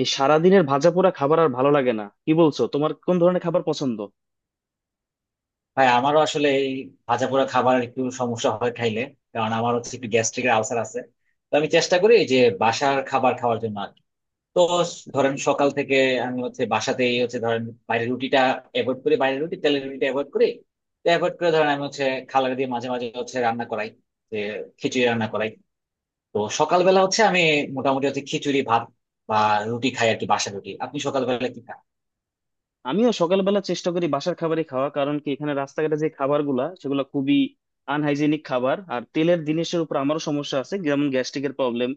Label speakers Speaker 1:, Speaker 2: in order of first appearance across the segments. Speaker 1: এই সারাদিনের ভাজাপোড়া খাবার আর ভালো লাগে না, কি বলছো? তোমার কোন ধরনের খাবার পছন্দ?
Speaker 2: ভাই আমারও আসলে এই ভাজা পোড়া খাবার একটু সমস্যা হয় খাইলে। কারণ আমার হচ্ছে একটু গ্যাস্ট্রিকের আলসার আছে, তো আমি চেষ্টা করি যে বাসার খাবার খাওয়ার জন্য আর কি। তো ধরেন সকাল থেকে আমি হচ্ছে বাসাতেই হচ্ছে ধরেন বাইরের রুটিটা অ্যাভয়েড করি, বাইরের রুটি তেলের রুটিটা অ্যাভয়েড করি। তো অ্যাভয়েড করে ধরেন আমি হচ্ছে খালারে দিয়ে মাঝে মাঝে হচ্ছে রান্না করাই, যে খিচুড়ি রান্না করাই। তো সকালবেলা হচ্ছে আমি মোটামুটি হচ্ছে খিচুড়ি ভাত বা রুটি খাই আর কি, বাসার রুটি। আপনি সকালবেলা কি খান?
Speaker 1: আমিও সকালবেলা চেষ্টা করি বাসার খাবারই খাওয়া, কারণ কি এখানে রাস্তাঘাটে যে খাবারগুলা সেগুলো খুবই আনহাইজেনিক খাবার, আর তেলের জিনিসের উপর আমারও সমস্যা আছে, যেমন গ্যাস্ট্রিকের প্রবলেম।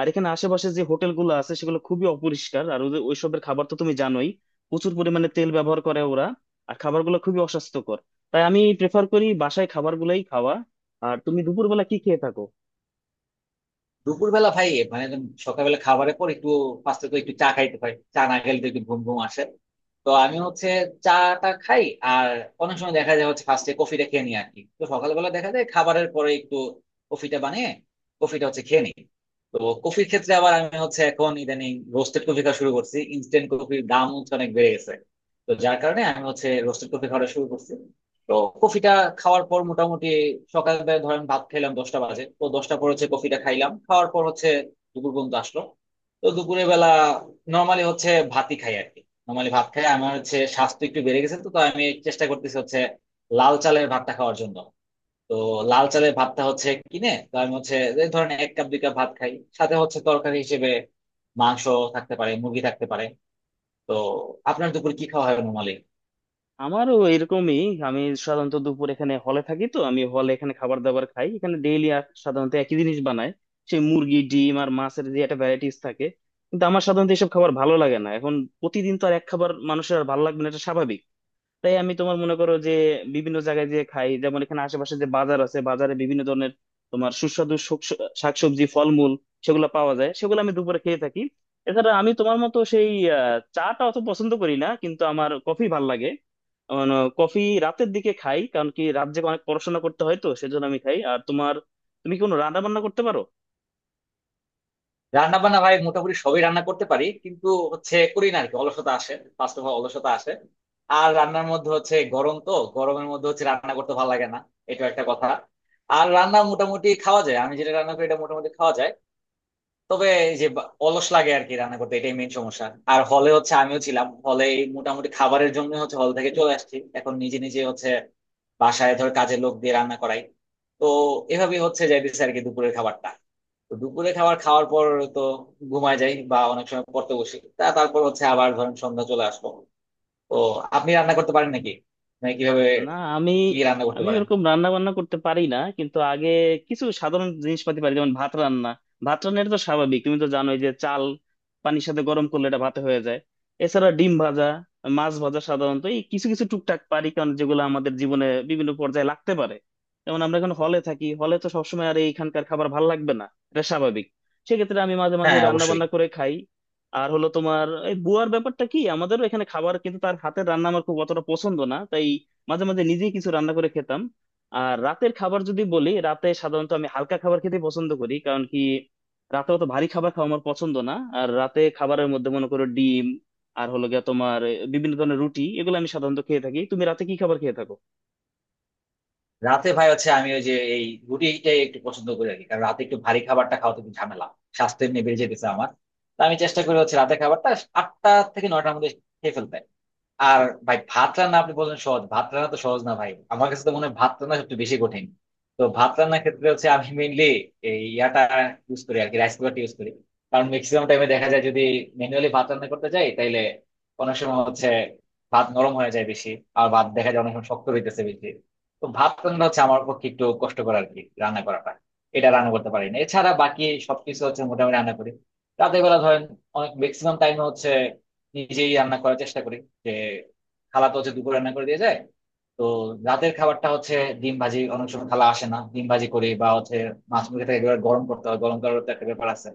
Speaker 1: আর এখানে আশেপাশে যে হোটেলগুলো আছে সেগুলো খুবই অপরিষ্কার, আর ওদের ওইসবের খাবার তো তুমি জানোই, প্রচুর পরিমাণে তেল ব্যবহার করে ওরা, আর খাবারগুলো খুবই অস্বাস্থ্যকর। তাই আমি প্রেফার করি বাসায় খাবারগুলাই খাওয়া। আর তুমি দুপুরবেলা কি খেয়ে থাকো?
Speaker 2: দুপুরবেলা ভাই মানে সকালবেলা খাবারের পর একটু ফার্স্টে তো একটু চা খাইতে হয়, চা না খেলে তো একটু ঘুম ঘুম আসে। তো আমি হচ্ছে চাটা খাই, আর অনেক সময় দেখা যায় হচ্ছে ফার্স্টে কফিটা খেয়ে নিই আর কি। তো সকালবেলা দেখা যায় খাবারের পরে একটু কফিটা বানিয়ে কফিটা হচ্ছে খেয়ে নিই। তো কফির ক্ষেত্রে আবার আমি হচ্ছে এখন ইদানিং রোস্টেড কফি খাওয়া শুরু করছি, ইনস্ট্যান্ট কফির দাম হচ্ছে অনেক বেড়ে গেছে। তো যার কারণে আমি হচ্ছে রোস্টেড কফি খাওয়া শুরু করছি। তো কফিটা খাওয়ার পর মোটামুটি সকালবেলা ধরেন ভাত খাইলাম 10টা বাজে, তো 10টা পর হচ্ছে কফিটা খাইলাম, খাওয়ার পর হচ্ছে দুপুর পর্যন্ত আসলো। তো দুপুরের বেলা নর্মালি হচ্ছে ভাতই খাই আর কি, নর্মালি ভাত খাই। আমার হচ্ছে স্বাস্থ্য একটু বেড়ে গেছে, তো তো আমি চেষ্টা করতেছি হচ্ছে লাল চালের ভাতটা খাওয়ার জন্য। তো লাল চালের ভাতটা হচ্ছে কিনে তো আমি হচ্ছে এই ধরেন এক কাপ দুই কাপ ভাত খাই, সাথে হচ্ছে তরকারি হিসেবে মাংস থাকতে পারে, মুরগি থাকতে পারে। তো আপনার দুপুর কি খাওয়া হয় নর্মালি?
Speaker 1: আমারও এরকমই। আমি সাধারণত দুপুর এখানে হলে থাকি, তো আমি হলে এখানে খাবার দাবার খাই, এখানে ডেইলি সাধারণত একই জিনিস বানায়, সেই মুরগি, ডিম আর মাছের যে একটা ভ্যারাইটিস থাকে। কিন্তু আমার সাধারণত এসব খাবার ভালো লাগে না এখন, প্রতিদিন তো আর এক খাবার মানুষের আর ভালো লাগবে না, এটা স্বাভাবিক। তাই আমি তোমার মনে করো যে বিভিন্ন জায়গায় যে খাই, যেমন এখানে আশেপাশে যে বাজার আছে, বাজারে বিভিন্ন ধরনের তোমার সুস্বাদু শাকসবজি, ফলমূল সেগুলো পাওয়া যায়, সেগুলো আমি দুপুরে খেয়ে থাকি। এছাড়া আমি তোমার মতো সেই চাটা অত পছন্দ করি না, কিন্তু আমার কফি ভাল লাগে, মানে কফি রাতের দিকে খাই, কারণ কি রাত জেগে অনেক পড়াশোনা করতে হয়, তো সেজন্য আমি খাই। আর তোমার, তুমি কি কোনো রান্না বান্না করতে পারো?
Speaker 2: রান্না বান্না ভাই মোটামুটি সবই রান্না করতে পারি, কিন্তু হচ্ছে করি না আর কি, অলসতা আসে। ফার্স্ট অফ অল অলসতা আসে, আর রান্নার মধ্যে হচ্ছে গরম, তো গরমের মধ্যে হচ্ছে রান্না করতে ভালো লাগে না, এটা একটা কথা। আর রান্না মোটামুটি খাওয়া যায়, আমি যেটা রান্না করি এটা মোটামুটি খাওয়া যায়। তবে এই যে অলস লাগে আর কি রান্না করতে, এটাই মেইন সমস্যা। আর হলে হচ্ছে আমিও ছিলাম হলে, মোটামুটি খাবারের জন্য হচ্ছে হল থেকে চলে আসছি, এখন নিজে নিজে হচ্ছে বাসায় ধর কাজের লোক দিয়ে রান্না করাই। তো এভাবেই হচ্ছে যাইতেছে আর কি দুপুরের খাবারটা। তো দুপুরে খাবার খাওয়ার পর তো ঘুমায় যাই বা অনেক সময় পড়তে বসি, তা তারপর হচ্ছে আবার ধরেন সন্ধ্যা চলে আসলো। তো আপনি রান্না করতে পারেন নাকি? মানে কিভাবে
Speaker 1: না আমি
Speaker 2: কি রান্না করতে
Speaker 1: আমি
Speaker 2: পারেন?
Speaker 1: ওরকম রান্না বান্না করতে পারি না, কিন্তু আগে কিছু সাধারণ জিনিসপাতি পারি, যেমন ভাত রান্না। ভাত রান্না এটা তো স্বাভাবিক, তুমি তো জানোই যে চাল পানির সাথে গরম করলে এটা ভাতে হয়ে যায়। এছাড়া ডিম ভাজা, মাছ ভাজা, সাধারণত এই কিছু কিছু টুকটাক পারি, কারণ যেগুলো আমাদের জীবনে বিভিন্ন পর্যায়ে লাগতে পারে। যেমন আমরা এখন হলে থাকি, হলে তো সবসময় আর এইখানকার খাবার ভাল লাগবে না, এটা স্বাভাবিক। সেক্ষেত্রে আমি মাঝে মাঝে
Speaker 2: হ্যাঁ
Speaker 1: রান্না
Speaker 2: অবশ্যই।
Speaker 1: বান্না করে খাই। আর হলো তোমার এই বুয়ার ব্যাপারটা, কি আমাদেরও এখানে খাবার, কিন্তু তার হাতের রান্না আমার খুব অতটা পছন্দ না, তাই মাঝে মাঝে নিজেই কিছু রান্না করে খেতাম। আর রাতের খাবার যদি বলি, রাতে সাধারণত আমি হালকা খাবার খেতে পছন্দ করি, কারণ কি রাতে অত ভারী খাবার খাওয়া আমার পছন্দ না। আর রাতে খাবারের মধ্যে মনে করো ডিম, আর হলো গিয়া তোমার বিভিন্ন ধরনের রুটি, এগুলো আমি সাধারণত খেয়ে থাকি। তুমি রাতে কি খাবার খেয়ে থাকো?
Speaker 2: রাতে ভাই হচ্ছে আমি ওই যে এই রুটিটাই একটু পছন্দ করি আর কি, কারণ রাতে একটু ভারী খাবারটা খাওয়াতে একটু ঝামেলা, স্বাস্থ্য এমনি বেড়ে যেতেছে আমার। তো আমি চেষ্টা করি হচ্ছে রাতে খাবারটা 8টা থেকে 9টার মধ্যে খেয়ে ফেলতে। আর ভাই ভাত রান্না আপনি বললেন সহজ, ভাত রান্না তো সহজ না ভাই, আমার কাছে তো মনে হয় ভাত রান্না সবচেয়ে বেশি কঠিন। তো ভাত রান্নার ক্ষেত্রে হচ্ছে আমি মেইনলি এই ইয়াটা ইউজ করি আর কি, রাইস কুকারটা ইউজ করি। কারণ ম্যাক্সিমাম টাইমে দেখা যায় যদি ম্যানুয়ালি ভাত রান্না করতে যাই তাইলে অনেক সময় হচ্ছে ভাত নরম হয়ে যায় বেশি, আর ভাত দেখা যায় অনেক সময় শক্ত হইতেছে বেশি। তো ভাত রান্না হচ্ছে আমার পক্ষে একটু কষ্টকর আর কি রান্না করাটা, এটা রান্না করতে পারি না। এছাড়া বাকি সবকিছু হচ্ছে মোটামুটি রান্না করি। রাতের বেলা ধরেন অনেক ম্যাক্সিমাম টাইম হচ্ছে নিজেই রান্না করার চেষ্টা করি, যে খালা তো হচ্ছে দুপুর রান্না করে দিয়ে যায়। তো রাতের খাবারটা হচ্ছে ডিম ভাজি, অনেক সময় খালা আসে না, ডিম ভাজি করি, বা হচ্ছে মাছ মুরগি থেকে এবার গরম করতে হয়, গরম করার তো একটা ব্যাপার আছে।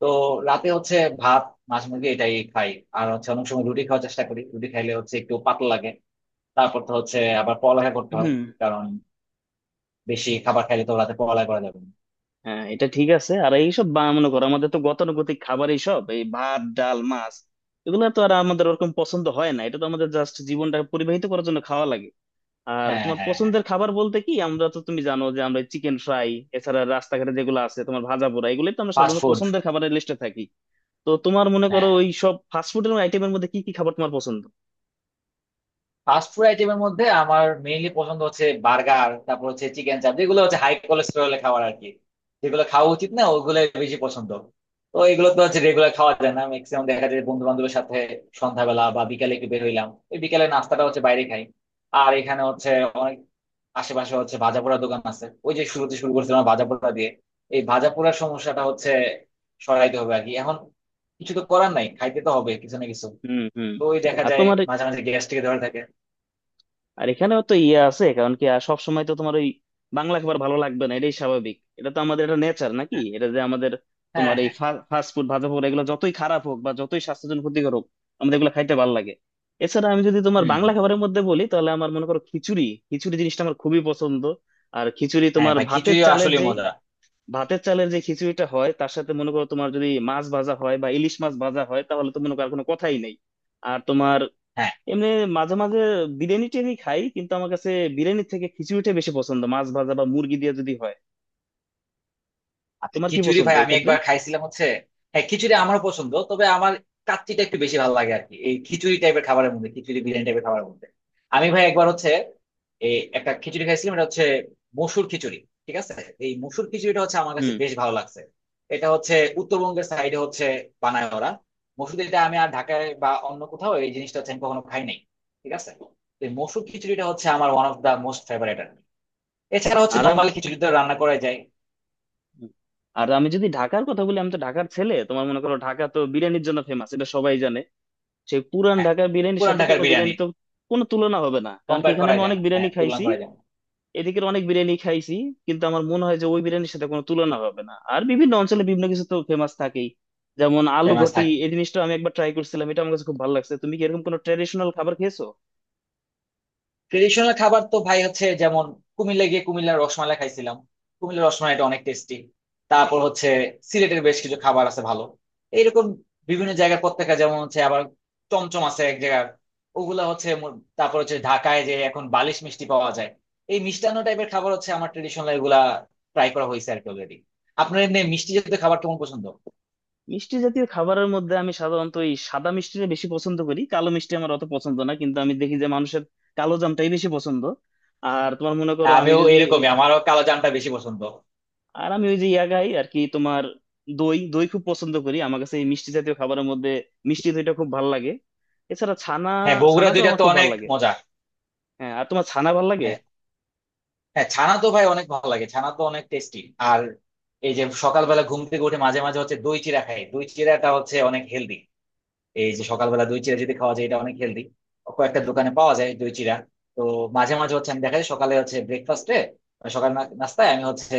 Speaker 2: তো রাতে হচ্ছে ভাত মাছ মুরগি এটাই খাই, আর হচ্ছে অনেক সময় রুটি খাওয়ার চেষ্টা করি, রুটি খাইলে হচ্ছে একটু পাতলা লাগে। তারপর তো হচ্ছে আবার পড়ালেখা করতে হয়,
Speaker 1: হুম।
Speaker 2: কারণ বেশি খাবার খাইলে তো রাতে পড়ালেখা করা যাবে না।
Speaker 1: হ্যাঁ এটা ঠিক আছে। আর এইসব বা মনে করো আমাদের তো গতানুগতিক খাবার, এইসব এই ভাত, ডাল, মাছ, এগুলো তো আর আমাদের ওরকম পছন্দ হয় না, এটা তো আমাদের জাস্ট জীবনটা পরিবাহিত করার জন্য খাওয়া লাগে। আর
Speaker 2: হ্যাঁ
Speaker 1: তোমার
Speaker 2: হ্যাঁ হ্যাঁ।
Speaker 1: পছন্দের খাবার বলতে কি, আমরা তো তুমি জানো যে আমরা চিকেন ফ্রাই, এছাড়া রাস্তাঘাটে যেগুলো আছে তোমার ভাজা পোড়া, এগুলোই তো আমরা
Speaker 2: ফাস্ট
Speaker 1: সাধারণত
Speaker 2: ফুড।
Speaker 1: পছন্দের খাবারের লিস্টে থাকি। তো তোমার মনে করো
Speaker 2: হ্যাঁ
Speaker 1: ওই সব ফাস্টফুডের আইটেমের মধ্যে কি কি খাবার তোমার পছন্দ?
Speaker 2: ফাস্ট ফুড আইটেমের মধ্যে আমার মেইনলি পছন্দ হচ্ছে বার্গার, তারপর হচ্ছে চিকেন চাপ, যেগুলো হচ্ছে হাই কোলেস্টেরলের খাবার আর কি, যেগুলো খাওয়া উচিত না ওগুলো বেশি পছন্দ। তো এগুলো তো হচ্ছে রেগুলার খাওয়া যায় না, ম্যাক্সিমাম দেখা যায় বন্ধু বান্ধবের সাথে সন্ধ্যাবেলা বা বিকালে একটু বের হইলাম, এই বিকালে নাস্তাটা হচ্ছে বাইরে খাই। আর এখানে হচ্ছে অনেক আশেপাশে হচ্ছে ভাজা পোড়া দোকান আছে, ওই যে শুরুতে শুরু করছিলাম ভাজা পোড়া দিয়ে। এই ভাজা পোড়ার সমস্যাটা হচ্ছে সরাইতে হবে আর কি এখন, কিছু তো করার নাই, খাইতে তো হবে কিছু না কিছু।
Speaker 1: হুম, হুম।
Speaker 2: তো ওই দেখা
Speaker 1: আর
Speaker 2: যায়
Speaker 1: তোমার,
Speaker 2: মাঝে মাঝে গ্যাস্ট্রিকে ধরে থাকে।
Speaker 1: আর এখানেও তো ইয়ে আছে, কারণ কি আর সব সময় তো তোমার ওই বাংলা খাবার ভালো লাগবে না, এটাই স্বাভাবিক। এটা তো আমাদের, এটা নেচার নাকি, এটা যে আমাদের
Speaker 2: হ্যাঁ
Speaker 1: তোমার এই
Speaker 2: হ্যাঁ।
Speaker 1: ফাস্ট ফুড, ভাজা পোড়া, এগুলো যতই খারাপ হোক বা যতই স্বাস্থ্যের জন্য ক্ষতিকর হোক, আমাদের এগুলো খাইতে ভালো লাগে। এছাড়া আমি যদি তোমার
Speaker 2: হুম
Speaker 1: বাংলা
Speaker 2: হুম।
Speaker 1: খাবারের মধ্যে বলি, তাহলে আমার মনে করো খিচুড়ি, খিচুড়ি জিনিসটা আমার খুবই পছন্দ। আর খিচুড়ি
Speaker 2: হ্যাঁ
Speaker 1: তোমার
Speaker 2: ভাই
Speaker 1: ভাতের
Speaker 2: খিচুড়ি
Speaker 1: চালের
Speaker 2: আসলে
Speaker 1: যেই,
Speaker 2: মজা।
Speaker 1: ভাতের চালের যে খিচুড়িটা হয় তার সাথে মনে করো তোমার যদি মাছ ভাজা হয় বা ইলিশ মাছ ভাজা হয়, তাহলে তো মনে করো আর কোনো কথাই নেই। আর তোমার
Speaker 2: হ্যাঁ।
Speaker 1: এমনি মাঝে মাঝে বিরিয়ানি টিরিয়ানি খাই, কিন্তু আমার কাছে বিরিয়ানির থেকে খিচুড়িটা বেশি পছন্দ, মাছ ভাজা বা মুরগি দিয়ে যদি হয়।
Speaker 2: আর
Speaker 1: তোমার কি
Speaker 2: খিচুড়ি
Speaker 1: পছন্দ
Speaker 2: ভাই আমি
Speaker 1: এক্ষেত্রে?
Speaker 2: একবার খাইছিলাম হচ্ছে। হ্যাঁ খিচুড়ি আমারও পছন্দ, তবে আমার কাচ্চিটা একটু বেশি ভালো লাগে আর কি এই খিচুড়ি টাইপের খাবারের মধ্যে, খিচুড়ি বিরিয়ানি টাইপের খাবারের মধ্যে। আমি ভাই একবার হচ্ছে এই একটা খিচুড়ি খাইছিলাম, এটা হচ্ছে মসুর খিচুড়ি, ঠিক আছে। এই মসুর খিচুড়িটা হচ্ছে আমার কাছে
Speaker 1: হুম।
Speaker 2: বেশ ভালো লাগছে। এটা হচ্ছে উত্তরবঙ্গের সাইডে হচ্ছে বানায় ওরা মসুর, এটা আমি আর ঢাকায় বা অন্য কোথাও এই জিনিসটা হচ্ছে আমি কখনো খাই নাই, ঠিক আছে। তো এই মসুর খিচুড়িটা হচ্ছে আমার one of the most favourite. এছাড়া হচ্ছে
Speaker 1: আর আম-
Speaker 2: নর্মালি খিচুড়ি তো রান্না করা যায়।
Speaker 1: আর আমি যদি ঢাকার কথা বলি, আমি তো ঢাকার ছেলে, তোমার মনে করো ঢাকা তো বিরিয়ানির জন্য ফেমাস, এটা সবাই জানে। সেই পুরান
Speaker 2: হ্যাঁ
Speaker 1: ঢাকার বিরিয়ানির
Speaker 2: পুরান
Speaker 1: সাথে
Speaker 2: ঢাকার
Speaker 1: কোনো
Speaker 2: বিরিয়ানি
Speaker 1: বিরিয়ানি তো কোনো তুলনা হবে না, কারণ কি
Speaker 2: কম্পেয়ার
Speaker 1: এখানে
Speaker 2: করা
Speaker 1: আমি
Speaker 2: যায়
Speaker 1: অনেক
Speaker 2: না, হ্যাঁ
Speaker 1: বিরিয়ানি
Speaker 2: তুলনা
Speaker 1: খাইছি,
Speaker 2: করা যায় না।
Speaker 1: এদিকের অনেক বিরিয়ানি খাইছি, কিন্তু আমার মনে হয় যে ওই বিরিয়ানির সাথে কোনো তুলনা হবে না। আর বিভিন্ন অঞ্চলে বিভিন্ন কিছু তো ফেমাস থাকেই, যেমন আলু
Speaker 2: ফেমাস
Speaker 1: ঘটি
Speaker 2: থাকি।
Speaker 1: এই জিনিসটা আমি একবার ট্রাই করছিলাম, এটা আমার কাছে খুব ভালো লাগছে। তুমি কি এরকম কোনো ট্রেডিশনাল খাবার খেয়েছো?
Speaker 2: ট্রেডিশনাল খাবার তো ভাই হচ্ছে যেমন কুমিল্লা গিয়ে কুমিল্লার রসমালাই খাইছিলাম, কুমিল্লার রসমালাইটা অনেক টেস্টি। তারপর হচ্ছে সিলেটের বেশ কিছু খাবার আছে ভালো, এইরকম বিভিন্ন জায়গার প্রত্যেকটা, যেমন হচ্ছে আবার চমচম আছে এক জায়গার। ওগুলা হচ্ছে তারপর হচ্ছে ঢাকায় যে এখন বালিশ মিষ্টি পাওয়া যায়। এই মিষ্টান্ন টাইপের খাবার হচ্ছে আমার ট্রেডিশনাল, এগুলা ট্রাই করা হয়েছে আর কি অলরেডি। আপনার এমনি মিষ্টি জাতীয় খাবার কেমন পছন্দ?
Speaker 1: মিষ্টি জাতীয় খাবারের মধ্যে আমি সাধারণত এই সাদা মিষ্টিটা বেশি পছন্দ করি, কালো মিষ্টি আমার অত পছন্দ না, কিন্তু আমি দেখি যে মানুষের কালো জামটাই বেশি পছন্দ। আর তোমার মনে করো
Speaker 2: হ্যাঁ,
Speaker 1: আমি
Speaker 2: আমিও
Speaker 1: যদি,
Speaker 2: এরকমই, আমারও কালো জামটা বেশি পছন্দ।
Speaker 1: আর আমি ওই যে ইয়া খাই আর কি, তোমার দই, দই খুব পছন্দ করি। আমার কাছে এই মিষ্টি জাতীয় খাবারের মধ্যে মিষ্টি দইটা খুব ভালো লাগে। এছাড়া ছানা,
Speaker 2: হ্যাঁ বগুড়া
Speaker 1: ছানাটাও
Speaker 2: দুইটা
Speaker 1: আমার
Speaker 2: তো
Speaker 1: খুব ভালো
Speaker 2: অনেক
Speaker 1: লাগে।
Speaker 2: মজা।
Speaker 1: হ্যাঁ, আর তোমার ছানা ভালো লাগে?
Speaker 2: হ্যাঁ হ্যাঁ ছানা তো ভাই অনেক ভালো লাগে, ছানা তো অনেক টেস্টি। আর এই যে সকালবেলা ঘুম থেকে উঠে মাঝে মাঝে হচ্ছে দই চিড়া খাই, দই চিড়াটা হচ্ছে অনেক হেলদি। এই যে সকালবেলা দই চিড়া যদি খাওয়া যায় এটা অনেক হেলদি, কয়েকটা দোকানে পাওয়া যায় দই চিড়া। তো মাঝে মাঝে হচ্ছে আমি দেখা যায় সকালে হচ্ছে ব্রেকফাস্টে, সকাল নাস্তায় আমি হচ্ছে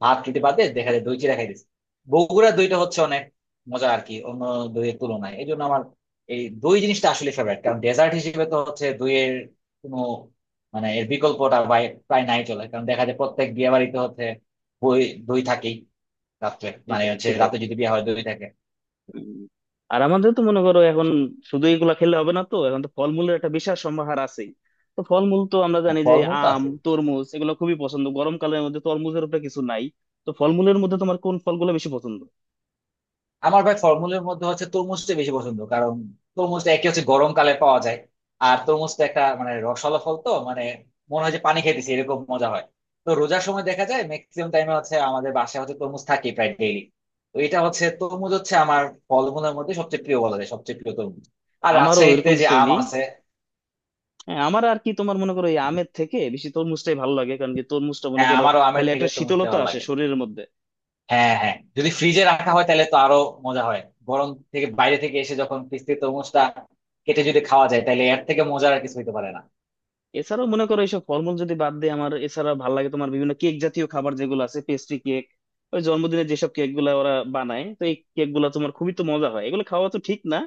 Speaker 2: ভাত রুটি বাদে দেখা যায় দই চিড়া খাই দিচ্ছি। বগুড়ার দইটা হচ্ছে অনেক মজা আর কি অন্য দইয়ের তুলনায়, এই জন্য আমার এই দই জিনিসটা আসলে ফেভারিট। কারণ ডেজার্ট হিসেবে তো হচ্ছে দইয়ের কোনো মানে এর বিকল্পটা প্রায় নাই চলে, কারণ দেখা যায় প্রত্যেক বিয়ে বাড়িতে হচ্ছে বই দই থাকেই, রাত্রে মানে
Speaker 1: সেটাই,
Speaker 2: হচ্ছে
Speaker 1: সেটাই।
Speaker 2: রাতে যদি বিয়ে হয় দই থাকে।
Speaker 1: উম। আর আমাদের তো মনে করো এখন শুধু এগুলা খেলে হবে না, তো এখন তো ফলমূলের একটা বিশাল সম্ভার আছেই। তো ফলমূল তো আমরা
Speaker 2: হ্যাঁ
Speaker 1: জানি যে
Speaker 2: ফলমূল তো
Speaker 1: আম,
Speaker 2: আছে।
Speaker 1: তরমুজ এগুলো খুবই পছন্দ, গরমকালের মধ্যে তরমুজের উপরে কিছু নাই। তো ফলমূলের মধ্যে তোমার কোন ফলগুলো বেশি পছন্দ?
Speaker 2: আমার ভাই ফলমূলের মধ্যে হচ্ছে তরমুজটা বেশি পছন্দ, কারণ তরমুজটা একে হচ্ছে গরমকালে পাওয়া যায়, আর তরমুজটা একটা মানে রসালো ফল, তো মানে মনে হয় যে পানি খাইতেছি এরকম মজা হয়। তো রোজার সময় দেখা যায় ম্যাক্সিমাম টাইমে হচ্ছে আমাদের বাসায় হচ্ছে তরমুজ থাকে প্রায় ডেইলি। তো এটা হচ্ছে তরমুজ হচ্ছে আমার ফলমূলের মধ্যে সবচেয়ে প্রিয় বলা যায়, সবচেয়ে প্রিয় তরমুজ। আর
Speaker 1: আমারও
Speaker 2: রাজশাহীতে
Speaker 1: এরকম
Speaker 2: যে আম
Speaker 1: সেমই।
Speaker 2: আছে।
Speaker 1: হ্যাঁ আমার আর কি তোমার মনে করো এই আমের থেকে বেশি তরমুজটাই ভালো লাগে, কারণ কি তরমুজটা মনে
Speaker 2: হ্যাঁ
Speaker 1: করো
Speaker 2: আমারও আমের
Speaker 1: তাহলে
Speaker 2: থেকে
Speaker 1: একটা
Speaker 2: তরমুজটা
Speaker 1: শীতলতা
Speaker 2: ভালো
Speaker 1: আসে
Speaker 2: লাগে।
Speaker 1: শরীরের মধ্যে।
Speaker 2: হ্যাঁ হ্যাঁ যদি ফ্রিজে রাখা হয় তাহলে তো আরো মজা হয়, গরম থেকে বাইরে থেকে এসে যখন ফ্রিজ তরমুজটা কেটে যদি খাওয়া যায় তাহলে এর থেকে মজার আর কিছু হতে পারে না।
Speaker 1: এছাড়াও মনে করো এইসব ফলমূল যদি বাদ দিয়ে আমার এছাড়া ভালো লাগে তোমার বিভিন্ন কেক জাতীয় খাবার যেগুলো আছে, পেস্ট্রি কেক, ওই জন্মদিনে যেসব কেক গুলা ওরা বানায়, তো এই কেক গুলা তোমার খুবই তো মজা হয়, এগুলো খাওয়া তো ঠিক না,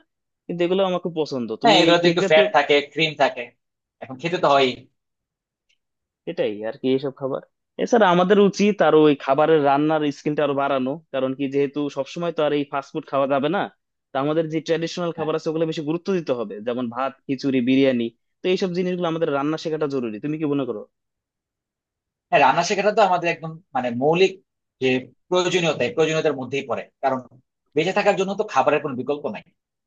Speaker 1: কিন্তু এগুলো আমার খুব পছন্দ।
Speaker 2: হ্যাঁ
Speaker 1: তুমি এই
Speaker 2: এগুলোতে
Speaker 1: কেক
Speaker 2: একটু
Speaker 1: জাতীয়
Speaker 2: ফ্যাট থাকে ক্রিম থাকে, এখন খেতে তো হয়ই।
Speaker 1: এটাই আর কি এইসব খাবার। এছাড়া আমাদের উচিত আরো ওই খাবারের রান্নার স্কিলটা আরো বাড়ানো, কারণ কি যেহেতু সবসময় তো আর এই ফাস্টফুড খাওয়া যাবে না, তা আমাদের যে ট্র্যাডিশনাল
Speaker 2: হ্যাঁ।
Speaker 1: খাবার আছে ওগুলো বেশি গুরুত্ব দিতে হবে, যেমন ভাত, খিচুড়ি, বিরিয়ানি। তো এইসব জিনিসগুলো আমাদের রান্না শেখাটা জরুরি, তুমি কি মনে করো?
Speaker 2: হ্যাঁ রান্না শেখাটা তো আমাদের একদম মানে মৌলিক যে প্রয়োজনীয়তা, এই প্রয়োজনীয়তার মধ্যেই পড়ে, কারণ বেঁচে থাকার জন্য তো খাবারের কোনো বিকল্প নাই।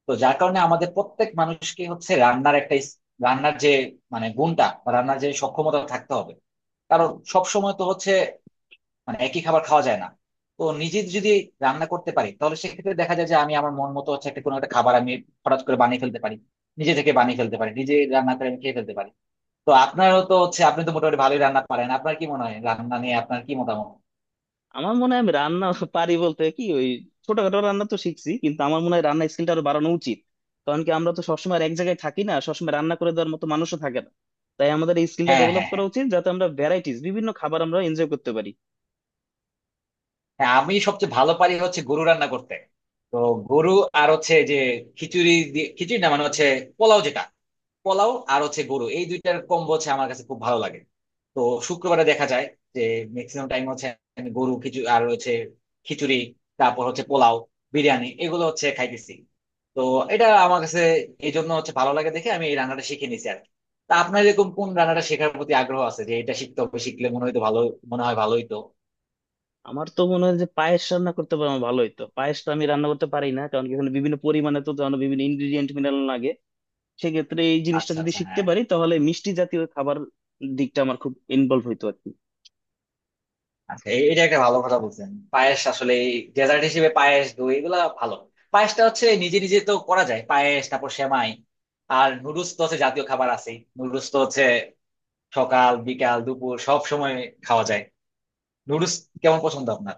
Speaker 2: তো যার কারণে আমাদের প্রত্যেক মানুষকে হচ্ছে রান্নার একটা রান্নার যে মানে গুণটা বা রান্নার যে সক্ষমতা থাকতে হবে। কারণ সব সময় তো হচ্ছে মানে একই খাবার খাওয়া যায় না। তো নিজে যদি রান্না করতে পারি তাহলে সেক্ষেত্রে দেখা যায় যে আমি আমার মন মতো হচ্ছে একটা কোনো একটা খাবার আমি হঠাৎ করে বানিয়ে ফেলতে পারি, নিজে থেকে বানিয়ে ফেলতে পারি, নিজে রান্না করে আমি খেয়ে ফেলতে পারি। তো আপনারও তো হচ্ছে আপনি তো মোটামুটি ভালোই রান্না পারেন, আপনার কি মনে হয় রান্না নিয়ে আপনার কি মতামত?
Speaker 1: আমার মনে হয় আমি রান্না পারি বলতে কি, ওই ছোটখাটো রান্না তো শিখছি, কিন্তু আমার মনে হয় রান্না স্কিলটা আরো বাড়ানো উচিত, কারণ কি আমরা তো সবসময় আর এক জায়গায় থাকি না, সবসময় রান্না করে দেওয়ার মতো মানুষও থাকে না। তাই আমাদের এই স্কিলটা
Speaker 2: হ্যাঁ
Speaker 1: ডেভেলপ
Speaker 2: হ্যাঁ
Speaker 1: করা
Speaker 2: হ্যাঁ।
Speaker 1: উচিত, যাতে আমরা ভ্যারাইটিস বিভিন্ন খাবার আমরা এনজয় করতে পারি।
Speaker 2: হ্যাঁ আমি সবচেয়ে ভালো পারি হচ্ছে গরু রান্না করতে। তো গরু আর হচ্ছে যে খিচুড়ি দিয়ে খিচুড়ি না মানে হচ্ছে পোলাও, যেটা পোলাও আর হচ্ছে গরু, এই দুইটার কম্বো হচ্ছে আমার কাছে খুব ভালো লাগে। তো শুক্রবারে দেখা যায় যে ম্যাক্সিমাম টাইম হচ্ছে আমি গরু খিচুড়ি আর হচ্ছে খিচুড়ি, তারপর হচ্ছে পোলাও বিরিয়ানি, এগুলো হচ্ছে খাইতেছি। তো এটা আমার কাছে এই জন্য হচ্ছে ভালো লাগে দেখে আমি এই রান্নাটা শিখে নিছি আর কি। তা আপনার এরকম কোন রান্নাটা শেখার প্রতি আগ্রহ আছে যে এটা শিখতে হবে, শিখলে মনে হয়তো ভালো, মনে হয় ভালোই তো।
Speaker 1: আমার তো মনে হয় যে পায়েস রান্না করতে পারবো ভালো হইতো, পায়েসটা আমি রান্না করতে পারি না, কারণ কি এখানে বিভিন্ন পরিমাণে তো জানো বিভিন্ন ইনগ্রিডিয়েন্ট মিলানো লাগে। সেক্ষেত্রে এই জিনিসটা
Speaker 2: আচ্ছা
Speaker 1: যদি
Speaker 2: আচ্ছা
Speaker 1: শিখতে
Speaker 2: হ্যাঁ।
Speaker 1: পারি তাহলে মিষ্টি জাতীয় খাবার দিকটা আমার খুব ইনভলভ হইতো আর কি।
Speaker 2: আচ্ছা এটা একটা ভালো কথা বলছেন, পায়েস আসলে ডেজার্ট হিসেবে পায়েস দই এগুলা ভালো। পায়েসটা হচ্ছে নিজে নিজে তো করা যায়, পায়েস তারপর সেমাই। আর নুডলস তো হচ্ছে জাতীয় খাবার আছে, নুডলস তো হচ্ছে সকাল বিকাল দুপুর সব সময় খাওয়া যায়। নুডলস কেমন পছন্দ আপনার?